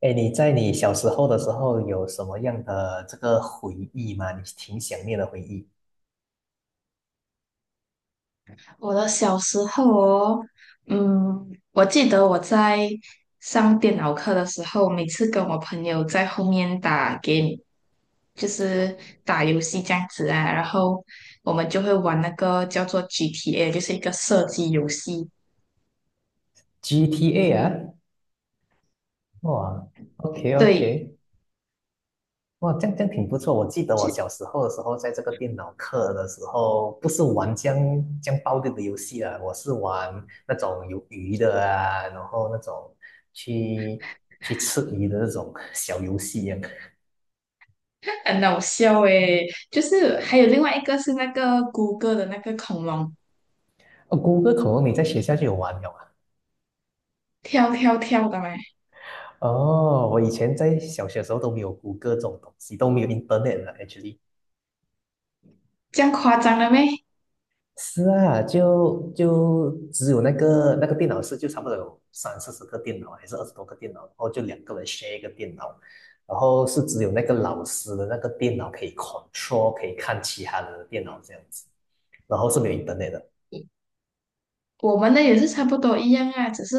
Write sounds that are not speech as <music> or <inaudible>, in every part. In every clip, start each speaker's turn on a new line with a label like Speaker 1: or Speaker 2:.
Speaker 1: 哎，你在你小时候的时候有什么样的这个回忆吗？你挺想念的回忆。
Speaker 2: 我的小时候哦，嗯，我记得我在上电脑课的时候，每次跟我朋友在后面打 game，就是打游戏这样子啊，然后我们就会玩那个叫做 GTA，就是一个射击游戏，
Speaker 1: GTA 啊，哇，OK
Speaker 2: 对，
Speaker 1: OK，哇，这样挺不错。我记得我小时候的时候，在这个电脑课的时候，不是玩这样暴力的游戏啊，我是玩那种有鱼的啊，然后那种去去吃鱼的那种小游戏一样。
Speaker 2: 很搞笑诶。就是还有另外一个是那个谷歌的那个恐龙
Speaker 1: 哦，谷歌恐龙你在学校就有玩了
Speaker 2: 跳跳跳的咩，
Speaker 1: 哦，我以前在小学的时候都没有谷歌这种东西，都没有 internet 了，actually。
Speaker 2: 这样夸张了咩？
Speaker 1: 是啊，就只有那个电脑室，就差不多有三四十个电脑，还是二十多个电脑，然后就两个人 share 一个电脑，然后是只有那个老师的那个电脑可以 control，可以看其他人的电脑这样子，然后是没有 internet 的。
Speaker 2: 我们的也是差不多一样啊，只是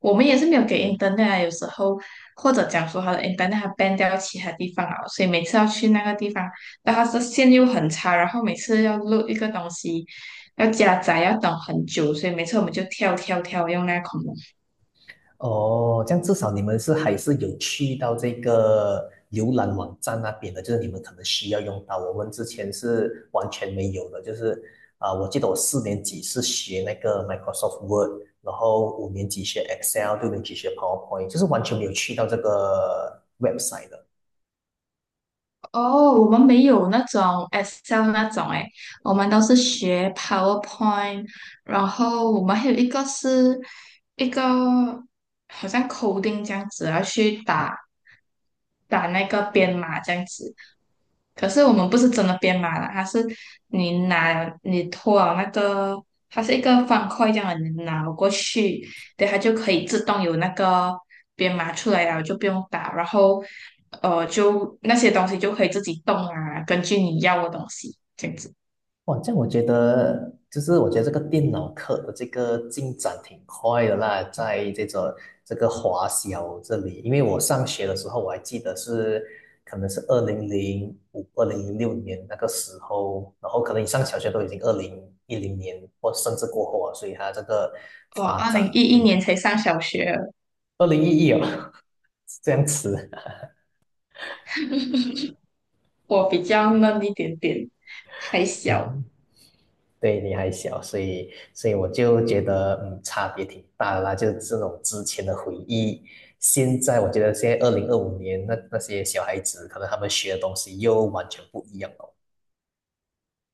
Speaker 2: 我们也是没有给 internet 啊，有时候或者讲说他的 internet 它 ban 掉其他地方了，所以每次要去那个地方，但它的线又很差，然后每次要录一个东西，要加载要等很久，所以每次我们就跳跳跳用那个恐龙。
Speaker 1: 哦，这样至少你们是还是有去到这个浏览网站那边的，就是你们可能需要用到。我们之前是完全没有的，就是啊、我记得我四年级是学那个 Microsoft Word，然后五年级学 Excel，六年级学 PowerPoint，就是完全没有去到这个 website 的。
Speaker 2: 哦，我们没有那种 Excel 那种诶，我们都是学 PowerPoint，然后我们还有一个好像 coding 这样子，要去打那个编码这样子。可是我们不是真的编码啦，它是你拿你拖了那个，它是一个方块这样的，你拿过去，对，它就可以自动有那个编码出来了，就不用打。然后就那些东西就可以自己动啊，根据你要的东西这样子。
Speaker 1: 哇，这样我觉得，就是我觉得这个电脑课的这个进展挺快的啦，在这个华小这里，因为我上学的时候，我还记得是可能是2005、2006年那个时候，然后可能你上小学都已经2010年或甚至过后啊，所以它这个
Speaker 2: 我
Speaker 1: 发
Speaker 2: 二
Speaker 1: 展
Speaker 2: 零一
Speaker 1: 会
Speaker 2: 一
Speaker 1: 比较
Speaker 2: 年
Speaker 1: 快。
Speaker 2: 才上小学，
Speaker 1: 2011哦，<laughs> 这样子，
Speaker 2: 我比较嫩一点点，还
Speaker 1: <laughs>
Speaker 2: 小。
Speaker 1: 嗯对，你还小，所以我就觉得，嗯，差别挺大的啦。就是这种之前的回忆，现在我觉得现在2025年那些小孩子，可能他们学的东西又完全不一样了。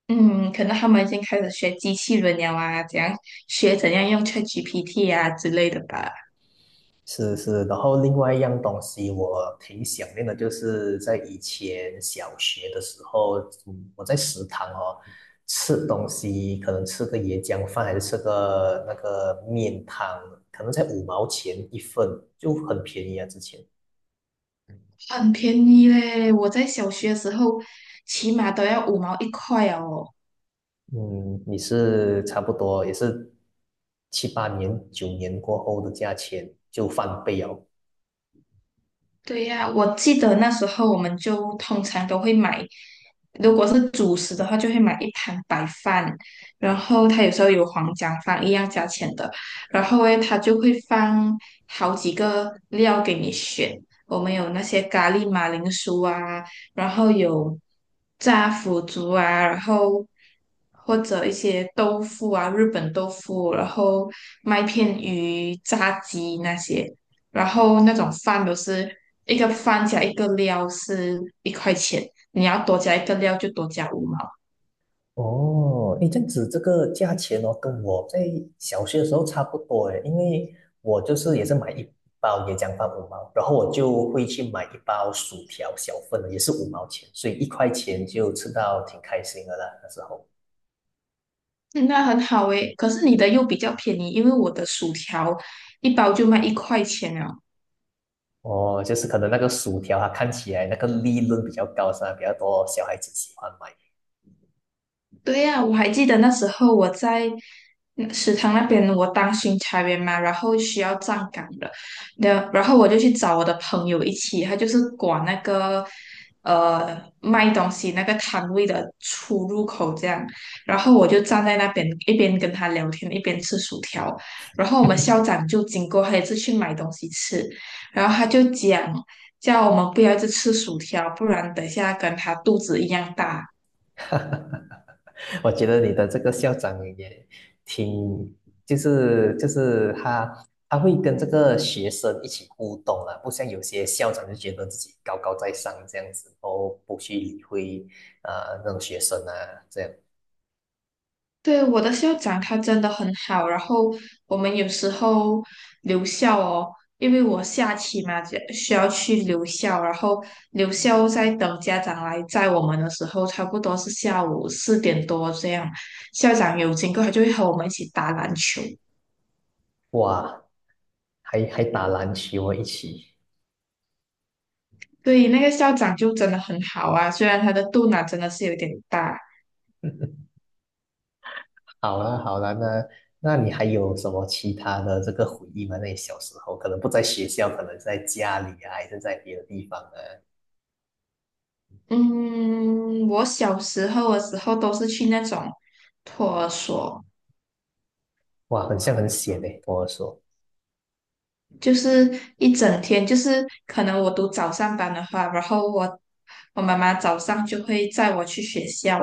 Speaker 2: 嗯，可能他们已经开始学机器人了啊，怎样学怎样用 ChatGPT 啊之类的吧。
Speaker 1: 是是，然后另外一样东西我挺想念的，就是在以前小学的时候，嗯，我在食堂哦吃东西，可能吃个椰浆饭，还是吃个那个面汤，可能才五毛钱一份，就很便宜啊，之前。
Speaker 2: 很便宜嘞，我在小学的时候起码都要五毛一块哦。
Speaker 1: 嗯，你是差不多也是七八年、九年过后的价钱就翻倍哦。
Speaker 2: 对呀，我记得那时候我们就通常都会买，如果是主食的话，就会买一盘白饭，然后它有时候有黄姜饭一样价钱的，然后诶，它就会放好几个料给你选，我们有那些咖喱马铃薯啊，然后有炸腐竹啊，然后或者一些豆腐啊，日本豆腐，然后麦片鱼、炸鸡那些。然后那种饭都是一个饭加一个料是一块钱，你要多加一个料就多加五毛，
Speaker 1: 哦，诶，这样子这个价钱哦，跟我在小学的时候差不多诶，因为我就是也是买一包椰浆饭五毛，然后我就会去买一包薯条小份的，也是五毛钱，所以一块钱就吃到挺开心的啦，那时候。
Speaker 2: 嗯那很好诶。可是你的又比较便宜，因为我的薯条一包就卖一块钱了。
Speaker 1: 哦，就是可能那个薯条啊看起来那个利润比较高，是吧？比较多小孩子喜欢买。
Speaker 2: 对呀，我还记得那时候我在食堂那边，我当巡查员嘛，然后需要站岗的，然后我就去找我的朋友一起，他就是管那个卖东西那个摊位的出入口这样，然后我就站在那边一边跟他聊天，一边吃薯条，然后我们校
Speaker 1: <laughs>
Speaker 2: 长就经过，他也是去买东西吃，然后他就讲。叫我们不要一直吃薯条，不然等一下跟他肚子一样大。
Speaker 1: <laughs> 我觉得你的这个校长也挺，就是他会跟这个学生一起互动啊，不像有些校长就觉得自己高高在上这样子，然后不去理会那种学生啊，这样
Speaker 2: 对，我的校长他真的很好，然后我们有时候留校哦，因为我下期嘛就需要去留校，然后留校在等家长来载我们的时候，差不多是下午4点多这样，校长有经过，他就会和我们一起打篮球。
Speaker 1: 哇，还打篮球一起，
Speaker 2: 对，那个校长就真的很好啊，虽然他的肚腩真的是有点大。
Speaker 1: <laughs> 好了好了，那你还有什么其他的这个回忆吗？那你小时候可能不在学校，可能在家里啊，还是在别的地方呢？
Speaker 2: 嗯，我小时候的时候都是去那种托儿所。
Speaker 1: 哇，很像很险诶，跟我说。
Speaker 2: 就是一整天，就是可能我读早上班的话，然后我妈妈早上就会载我去学校，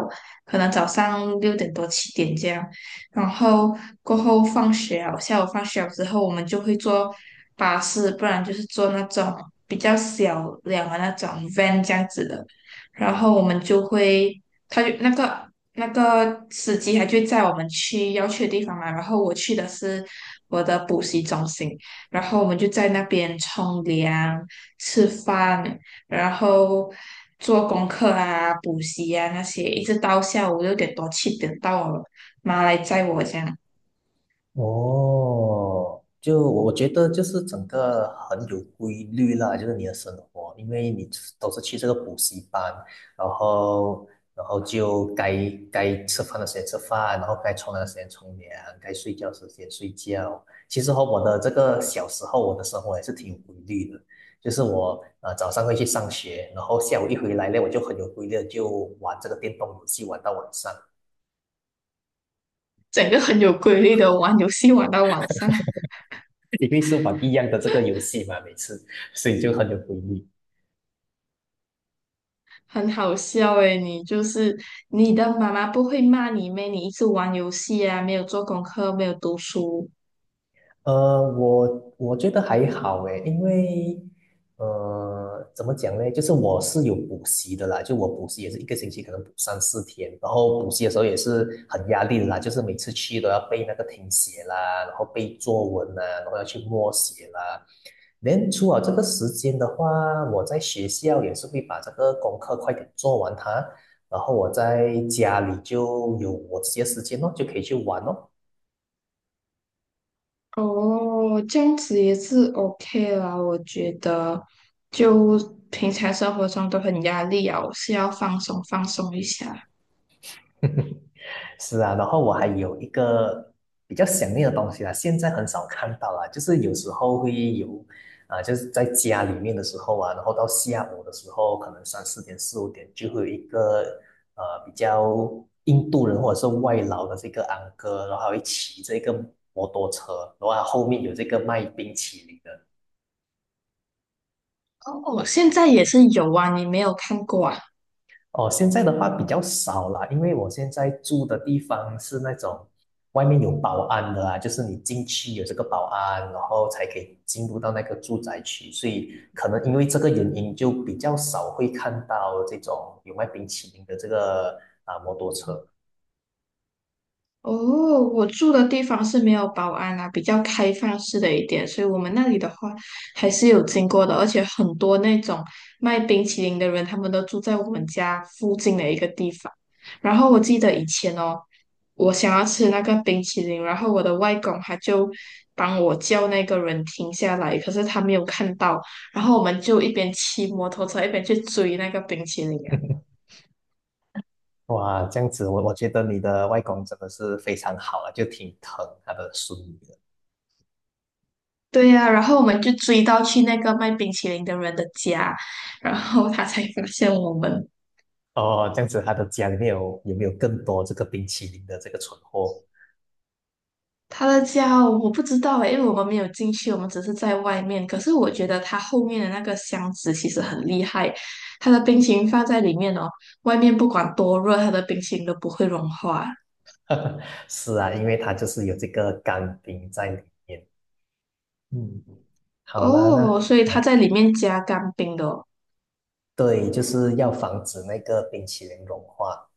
Speaker 2: 可能早上六点多七点这样，然后过后放学了，下午放学了之后，我们就会坐巴士，不然就是坐那种比较小辆的那种 van 这样子的，然后我们就会，他就那个。那个司机他就载我们去要去的地方嘛，然后我去的是我的补习中心，然后我们就在那边冲凉、吃饭，然后做功课啊、补习啊那些，一直到下午六点多七点到我妈来载我这样。
Speaker 1: 哦，就我觉得就是整个很有规律啦，就是你的生活，因为你都是去这个补习班，然后然后就该吃饭的时间吃饭，然后该冲凉的时间冲凉，该睡觉的时间睡觉。其实和我的这个小时候，我的生活也是挺有规律的，就是我早上会去上学，然后下午一回来呢，我就很有规律地就玩这个电动游戏玩到晚上。
Speaker 2: 整个很有规律的玩游戏玩到晚上，<laughs>
Speaker 1: 因为是玩一样的这个游戏嘛，每次，所以就很有回忆。
Speaker 2: 很好笑诶。你就是你的妈妈不会骂你咩？你一直玩游戏啊，没有做功课，没有读书，
Speaker 1: 我觉得还好诶，因为怎么讲呢？就是我是有补习的啦，就我补习也是一个星期可能补三四天，然后补习的时候也是很压力的啦，就是每次去都要背那个听写啦，然后背作文啦，然后要去默写啦。连初了这个时间的话，我在学校也是会把这个功课快点做完它，然后我在家里就有我自己的时间咯，就可以去玩哦。
Speaker 2: 哦，这样子也是 OK 啦，我觉得就平常生活中都很压力啊，我是要放松放松一下。
Speaker 1: 是啊，然后我还有一个比较想念的东西啦，现在很少看到啦，就是有时候会有，啊、就是在家里面的时候啊，然后到下午的时候，可能三四点、四五点就会有一个比较印度人或者是外劳的这个安哥，然后还会骑这个摩托车，然后他后面有这个卖冰淇淋的，
Speaker 2: 哦，现在也是有啊，你没有看过啊？
Speaker 1: 哦，现在的话比较少了，因为我现在住的地方是那种外面有保安的啊，就是你进去有这个保安，然后才可以进入到那个住宅区，所以可能因为这个原因，就比较少会看到这种有卖冰淇淋的这个啊摩托车。
Speaker 2: 哦，我住的地方是没有保安啦，比较开放式的一点，所以我们那里的话还是有经过的，而且很多那种卖冰淇淋的人，他们都住在我们家附近的一个地方。然后我记得以前哦，我想要吃那个冰淇淋，然后我的外公他就帮我叫那个人停下来，可是他没有看到，然后我们就一边骑摩托车一边去追那个冰淇淋。
Speaker 1: <laughs> 哇，这样子我觉得你的外公真的是非常好了，就挺疼他的孙女的。
Speaker 2: 对呀、然后我们就追到去那个卖冰淇淋的人的家，然后他才发现我们。
Speaker 1: 哦，这样子他的家里面有没有更多这个冰淇淋的这个存货？
Speaker 2: 他的家哦我不知道诶，因为我们没有进去，我们只是在外面。可是我觉得他后面的那个箱子其实很厉害，他的冰淇淋放在里面哦，外面不管多热，他的冰淇淋都不会融化。
Speaker 1: <laughs> 是啊，因为它就是有这个干冰在里面。嗯，好啦，那
Speaker 2: 哦，所以他
Speaker 1: 呃，
Speaker 2: 在里面加干冰的哦。
Speaker 1: 对，就是要防止那个冰淇淋融化。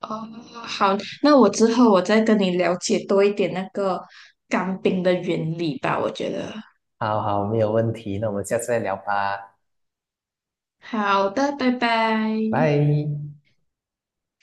Speaker 2: 哦，好，那我之后我再跟你了解多一点那个干冰的原理吧，我觉得。
Speaker 1: 好好，没有问题，那我们下次再聊吧，
Speaker 2: 好的，拜拜。
Speaker 1: 拜。